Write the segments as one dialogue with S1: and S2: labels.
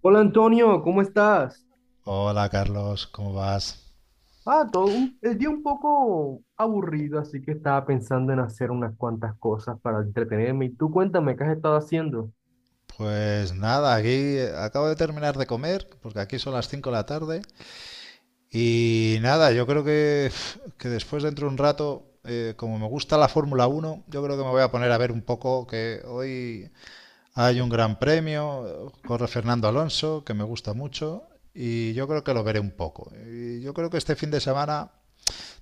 S1: Hola Antonio, ¿cómo estás?
S2: Hola Carlos, ¿cómo vas?
S1: Ah, todo el día un poco aburrido, así que estaba pensando en hacer unas cuantas cosas para entretenerme. Y tú cuéntame, ¿qué has estado haciendo?
S2: Pues nada, aquí acabo de terminar de comer, porque aquí son las 5 de la tarde. Y nada, yo creo que después dentro de un rato, como me gusta la Fórmula Uno, yo creo que me voy a poner a ver un poco, que hoy hay un gran premio, corre Fernando Alonso, que me gusta mucho, y yo creo que lo veré un poco. Y yo creo que este fin de semana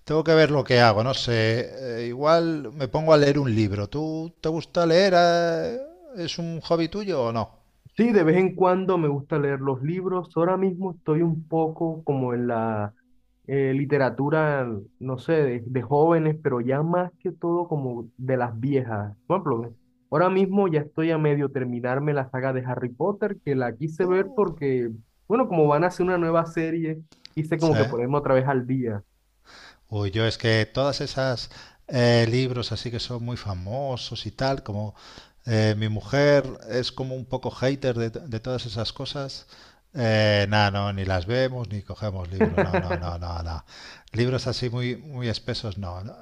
S2: tengo que ver lo que hago, no sé. Igual me pongo a leer un libro. ¿Tú te gusta leer, ¿Es un hobby tuyo o no?
S1: Sí, de vez en cuando me gusta leer los libros. Ahora mismo estoy un poco como en la literatura, no sé, de jóvenes, pero ya más que todo como de las viejas. Por ejemplo, ahora mismo ya estoy a medio terminarme la saga de Harry Potter, que la quise ver
S2: Uh,
S1: porque, bueno, como van a hacer una nueva serie, quise
S2: sí.
S1: como que ponerme otra vez al día.
S2: Uy, yo es que todas esas libros así que son muy famosos y tal, como, mi mujer es como un poco hater de todas esas cosas, nada, no, ni las vemos ni cogemos libros, no, no, no, no, no. Libros así muy, muy espesos, no, no.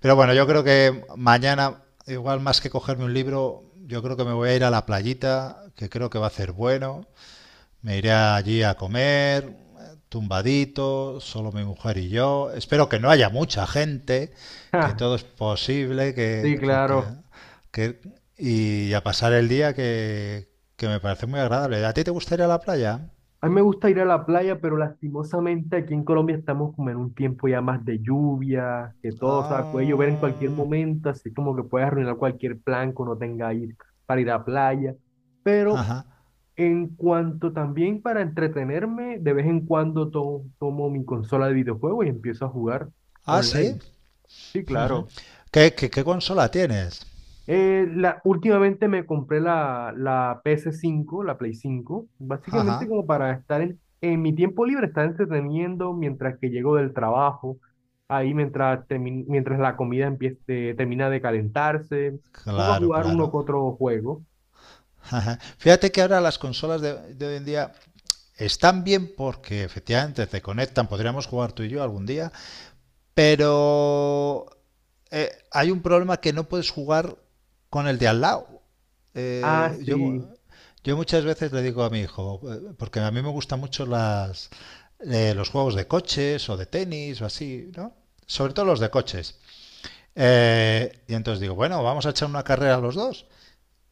S2: Pero bueno, yo creo que mañana, igual más que cogerme un libro, yo creo que me voy a ir a la playita, que creo que va a hacer bueno, me iré allí a comer, tumbadito, solo mi mujer y yo. Espero que no haya mucha gente, que
S1: Ja,
S2: todo es posible,
S1: sí, claro.
S2: que, y a pasar el día que me parece muy agradable. ¿A ti te gustaría la playa?
S1: A mí me gusta ir a la playa, pero lastimosamente aquí en Colombia estamos como en un tiempo ya más de lluvia, que todo, o sea, puede llover en cualquier
S2: Ah,
S1: momento, así como que puede arruinar cualquier plan que uno tenga ahí para ir a playa. Pero
S2: ajá.
S1: en cuanto también para entretenerme, de vez en cuando tomo mi consola de videojuegos y empiezo a jugar
S2: Ah, sí.
S1: online. Sí,
S2: Ujú.
S1: claro.
S2: ¿Qué consola tienes?
S1: Últimamente me compré la PS5, la Play 5, básicamente
S2: Ajá.
S1: como para estar en mi tiempo libre, estar entreteniendo mientras que llego del trabajo, ahí mientras, mientras la comida empiece, termina de calentarse, pongo a
S2: Claro,
S1: jugar uno que
S2: claro.
S1: otro juego.
S2: Fíjate que ahora las consolas de hoy en día están bien porque efectivamente te conectan, podríamos jugar tú y yo algún día, pero hay un problema, que no puedes jugar con el de al lado.
S1: Ah,
S2: Eh,
S1: sí,
S2: yo, yo muchas veces le digo a mi hijo, porque a mí me gustan mucho las, los juegos de coches o de tenis o así, ¿no? Sobre todo los de coches. Y entonces digo, bueno, vamos a echar una carrera a los dos.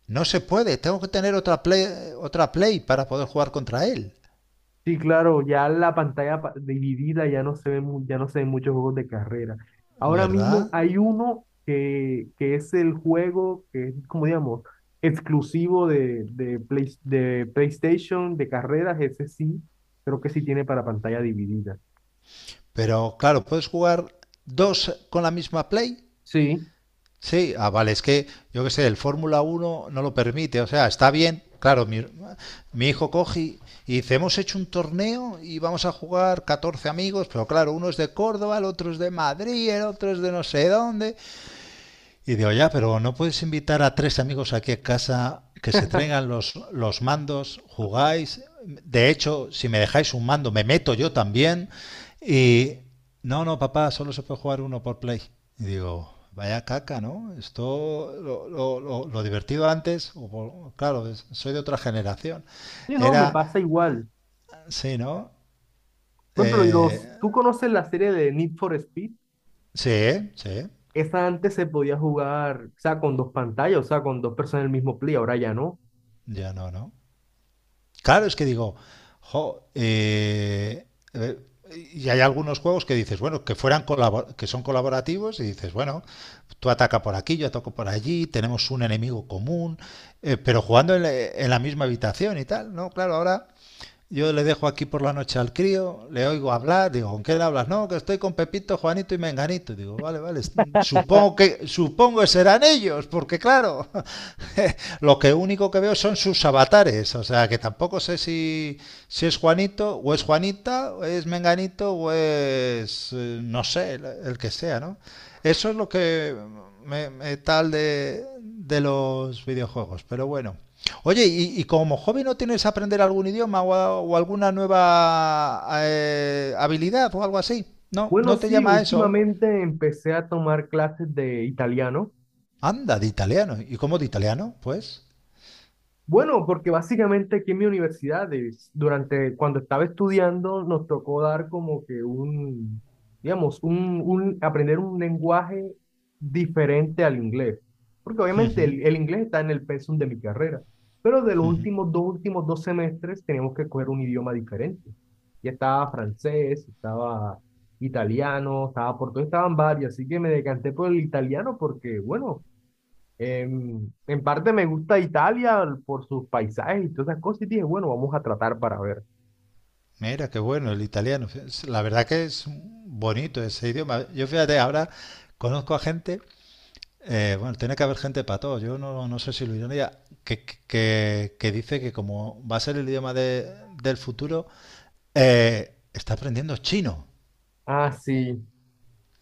S2: No se puede, tengo que tener otra play para poder jugar contra él,
S1: sí, claro, ya la pantalla dividida ya no se ve, ya no se ven muchos juegos de carrera. Ahora mismo
S2: ¿verdad?
S1: hay uno que es el juego que es, como digamos, exclusivo de de PlayStation, de carreras, ese sí, creo que sí tiene para pantalla dividida.
S2: Pero claro, ¿puedes jugar dos con la misma play?
S1: Sí,
S2: Sí, ah, vale, es que yo qué sé, el Fórmula uno no lo permite, o sea, está bien. Claro, mi hijo coge y dice, hemos hecho un torneo y vamos a jugar 14 amigos, pero claro, uno es de Córdoba, el otro es de Madrid, el otro es de no sé dónde, y digo, ya, pero no puedes invitar a tres amigos aquí a casa que se traigan los mandos, jugáis. De hecho, si me dejáis un mando, me meto yo también. Y no, no, papá, solo se puede jugar uno por play. Y digo, vaya caca, ¿no? Esto, lo divertido antes, o claro, soy de otra generación.
S1: sí, no, me pasa
S2: Era,
S1: igual.
S2: sí, ¿no?
S1: Por ejemplo,
S2: Eh,
S1: los, ¿tú conoces la serie de Need for Speed?
S2: sí, sí,
S1: Esa antes se podía jugar, o sea, con dos pantallas, o sea, con dos personas en el mismo play, ahora ya no.
S2: ya no, ¿no? Claro, es que digo, jo, eh, y hay algunos juegos que dices, bueno, que son colaborativos y dices, bueno, tú ataca por aquí, yo ataco por allí, tenemos un enemigo común, pero jugando en la misma habitación y tal, ¿no? Claro, ahora yo le dejo aquí por la noche al crío, le oigo hablar, digo, ¿con qué le hablas? No, que estoy con Pepito, Juanito y Menganito. Digo, vale, vale, supongo que serán ellos, porque claro, lo que único que veo son sus avatares, o sea, que tampoco sé si, si es Juanito, o es Juanita, o es Menganito, o es, no sé, el que sea, ¿no? Eso es lo que me tal de los videojuegos, pero bueno. Oye, y como hobby no tienes aprender algún idioma o, o alguna nueva habilidad o algo así? No,
S1: Bueno,
S2: no te
S1: sí,
S2: llama a eso.
S1: últimamente empecé a tomar clases de italiano.
S2: Anda, de italiano. ¿Y cómo de italiano? Pues,
S1: Bueno, porque básicamente aquí en mi universidad, Davis, durante cuando estaba estudiando, nos tocó dar como que un, digamos, un aprender un lenguaje diferente al inglés. Porque obviamente el inglés está en el pensum de mi carrera, pero de los últimos dos semestres teníamos que coger un idioma diferente. Ya estaba francés, estaba italiano, estaba portugués, estaban varios, así que me decanté por el italiano porque, bueno, en parte me gusta Italia por sus paisajes y todas esas cosas y dije, bueno, vamos a tratar para ver.
S2: mira, qué bueno el italiano. La verdad que es bonito ese idioma. Yo fíjate, ahora conozco a gente, bueno, tiene que haber gente para todo. Yo no, no sé si lo ironía, que dice que como va a ser el idioma del futuro, está aprendiendo chino.
S1: Ah, sí,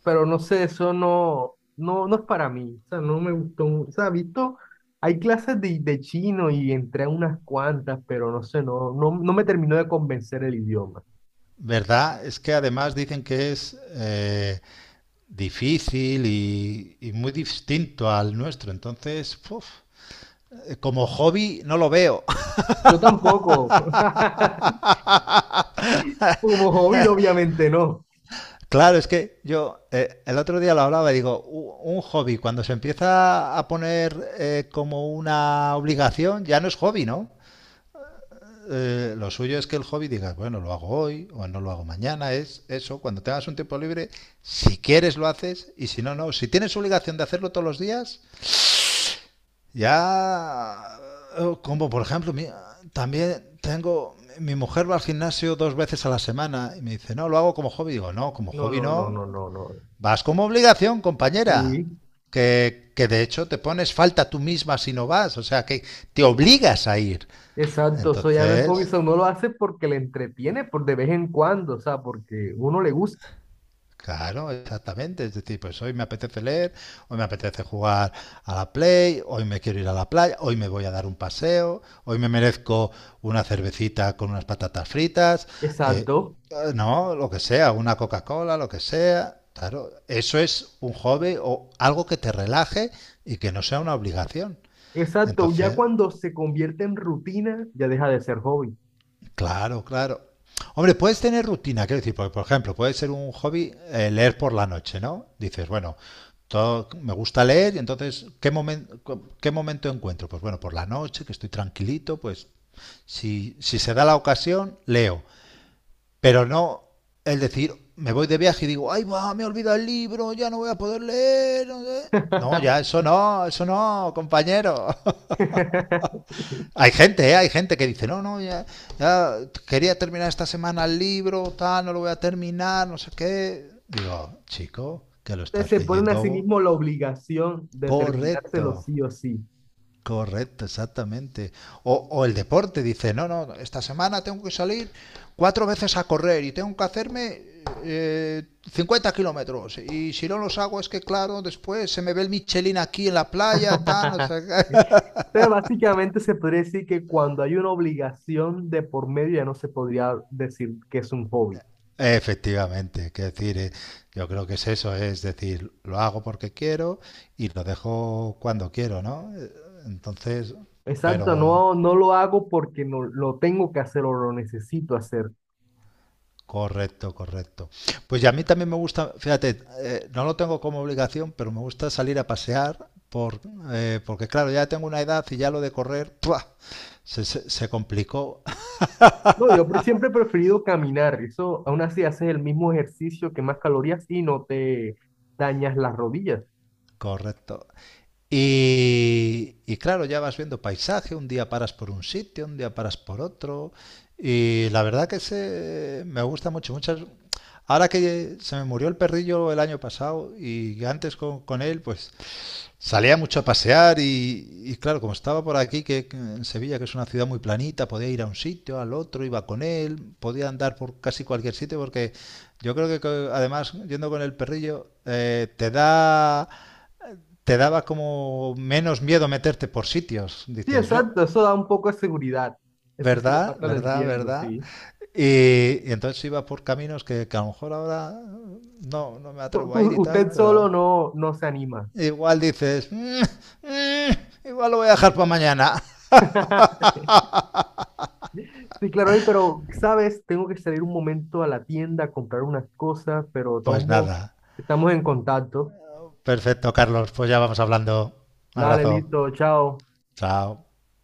S1: pero no sé, eso no, no, no es para mí, o sea, no me gustó mucho, o sea, visto, hay clases de chino y entré a unas cuantas, pero no sé, no, no, no me terminó de convencer el idioma.
S2: ¿Verdad? Es que además dicen que es difícil y muy distinto al nuestro. Entonces, uf, como hobby no lo veo.
S1: Yo tampoco, como hobby obviamente no.
S2: Claro, es que yo el otro día lo hablaba y digo, un hobby cuando se empieza a poner como una obligación ya no es hobby, ¿no? Lo suyo es que el hobby digas, bueno, lo hago hoy o no lo hago mañana, es eso, cuando tengas un tiempo libre, si quieres lo haces y si no, no. Si tienes obligación de hacerlo todos los días, ya, como por ejemplo, también tengo, mi mujer va al gimnasio 2 veces a la semana y me dice, no, lo hago como hobby. Digo, no, como
S1: No,
S2: hobby
S1: no, no,
S2: no,
S1: no, no, no.
S2: vas como obligación, compañera.
S1: Sí.
S2: Que de hecho te pones falta tú misma si no vas, o sea que te obligas a ir.
S1: Exacto, eso ya no es hobby,
S2: Entonces,
S1: eso uno lo hace porque le entretiene por de vez en cuando, o sea, porque uno le gusta.
S2: Claro, exactamente. Es decir, pues hoy me apetece leer, hoy me apetece jugar a la Play, hoy me quiero ir a la playa, hoy me voy a dar un paseo, hoy me merezco una cervecita con unas patatas fritas, eh,
S1: Exacto,
S2: no, lo que sea, una Coca-Cola, lo que sea. Claro, eso es un hobby o algo que te relaje y que no sea una obligación.
S1: exacto, ya
S2: Entonces,
S1: cuando se convierte en rutina, ya deja de ser hobby.
S2: Claro, claro. Hombre, puedes tener rutina, quiero decir, porque, por ejemplo, puede ser un hobby leer por la noche, ¿no? Dices, bueno, todo, me gusta leer y entonces, ¿qué momento encuentro? Pues bueno, por la noche, que estoy tranquilito, pues si se da la ocasión, leo. Pero no el decir, me voy de viaje y digo, ay, va, me olvida el libro, ya no voy a poder leer. No, sé". No, ya, eso no, compañero.
S1: Ustedes
S2: Hay gente, ¿eh? Hay gente que dice, no, no, ya quería terminar esta semana el libro, tal, no lo voy a terminar, no sé qué. Digo, chico, que lo estás
S1: se ponen a
S2: leyendo.
S1: sí
S2: ¿Vos?
S1: mismos la obligación de
S2: Correcto,
S1: terminárselo sí o sí.
S2: correcto, exactamente. O el deporte dice, no, no, esta semana tengo que salir 4 veces a correr y tengo que hacerme eh, 50 kilómetros. Y si no los hago es que, claro, después se me ve el Michelin aquí en la playa, tal, no sé qué.
S1: Entonces, básicamente se podría decir que cuando hay una obligación de por medio ya no se podría decir que es un hobby.
S2: Efectivamente, que decir, yo creo que es eso, es decir, lo hago porque quiero y lo dejo cuando quiero, ¿no? Entonces,
S1: Exacto,
S2: pero
S1: no, no lo hago porque no, lo tengo que hacer o lo necesito hacer.
S2: correcto, correcto. Pues ya a mí también me gusta, fíjate, no lo tengo como obligación, pero me gusta salir a pasear por, porque claro, ya tengo una edad y ya lo de correr, ¡pua! se complicó.
S1: No, yo siempre he preferido caminar. Eso, aún así, haces el mismo ejercicio que más calorías y no te dañas las rodillas.
S2: Correcto. Y claro, ya vas viendo paisaje, un día paras por un sitio, un día paras por otro. Y la verdad que se, me gusta mucho. Muchas, ahora que se me murió el perrillo el año pasado y antes con él, pues salía mucho a pasear y claro, como estaba por aquí, que en Sevilla, que es una ciudad muy planita, podía ir a un sitio, al otro, iba con él, podía andar por casi cualquier sitio porque yo creo que además yendo con el perrillo te daba como menos miedo meterte por sitios,
S1: Sí,
S2: dices yo.
S1: exacto. Eso da un poco de seguridad. Eso sí, la
S2: ¿Verdad?
S1: parte lo
S2: ¿Verdad?
S1: entiendo,
S2: ¿Verdad?
S1: sí.
S2: Y entonces iba por caminos a lo mejor ahora no, no me atrevo a ir y tal,
S1: Usted solo
S2: pero
S1: no, no se anima.
S2: igual dices, igual lo voy a dejar para mañana.
S1: Sí, claro, oye, pero, ¿sabes? Tengo que salir un momento a la tienda a comprar unas cosas, pero de todos
S2: Pues
S1: modos,
S2: nada.
S1: estamos en contacto.
S2: Perfecto, Carlos. Pues ya vamos hablando. Un
S1: Dale,
S2: abrazo.
S1: listo, chao.
S2: Chao.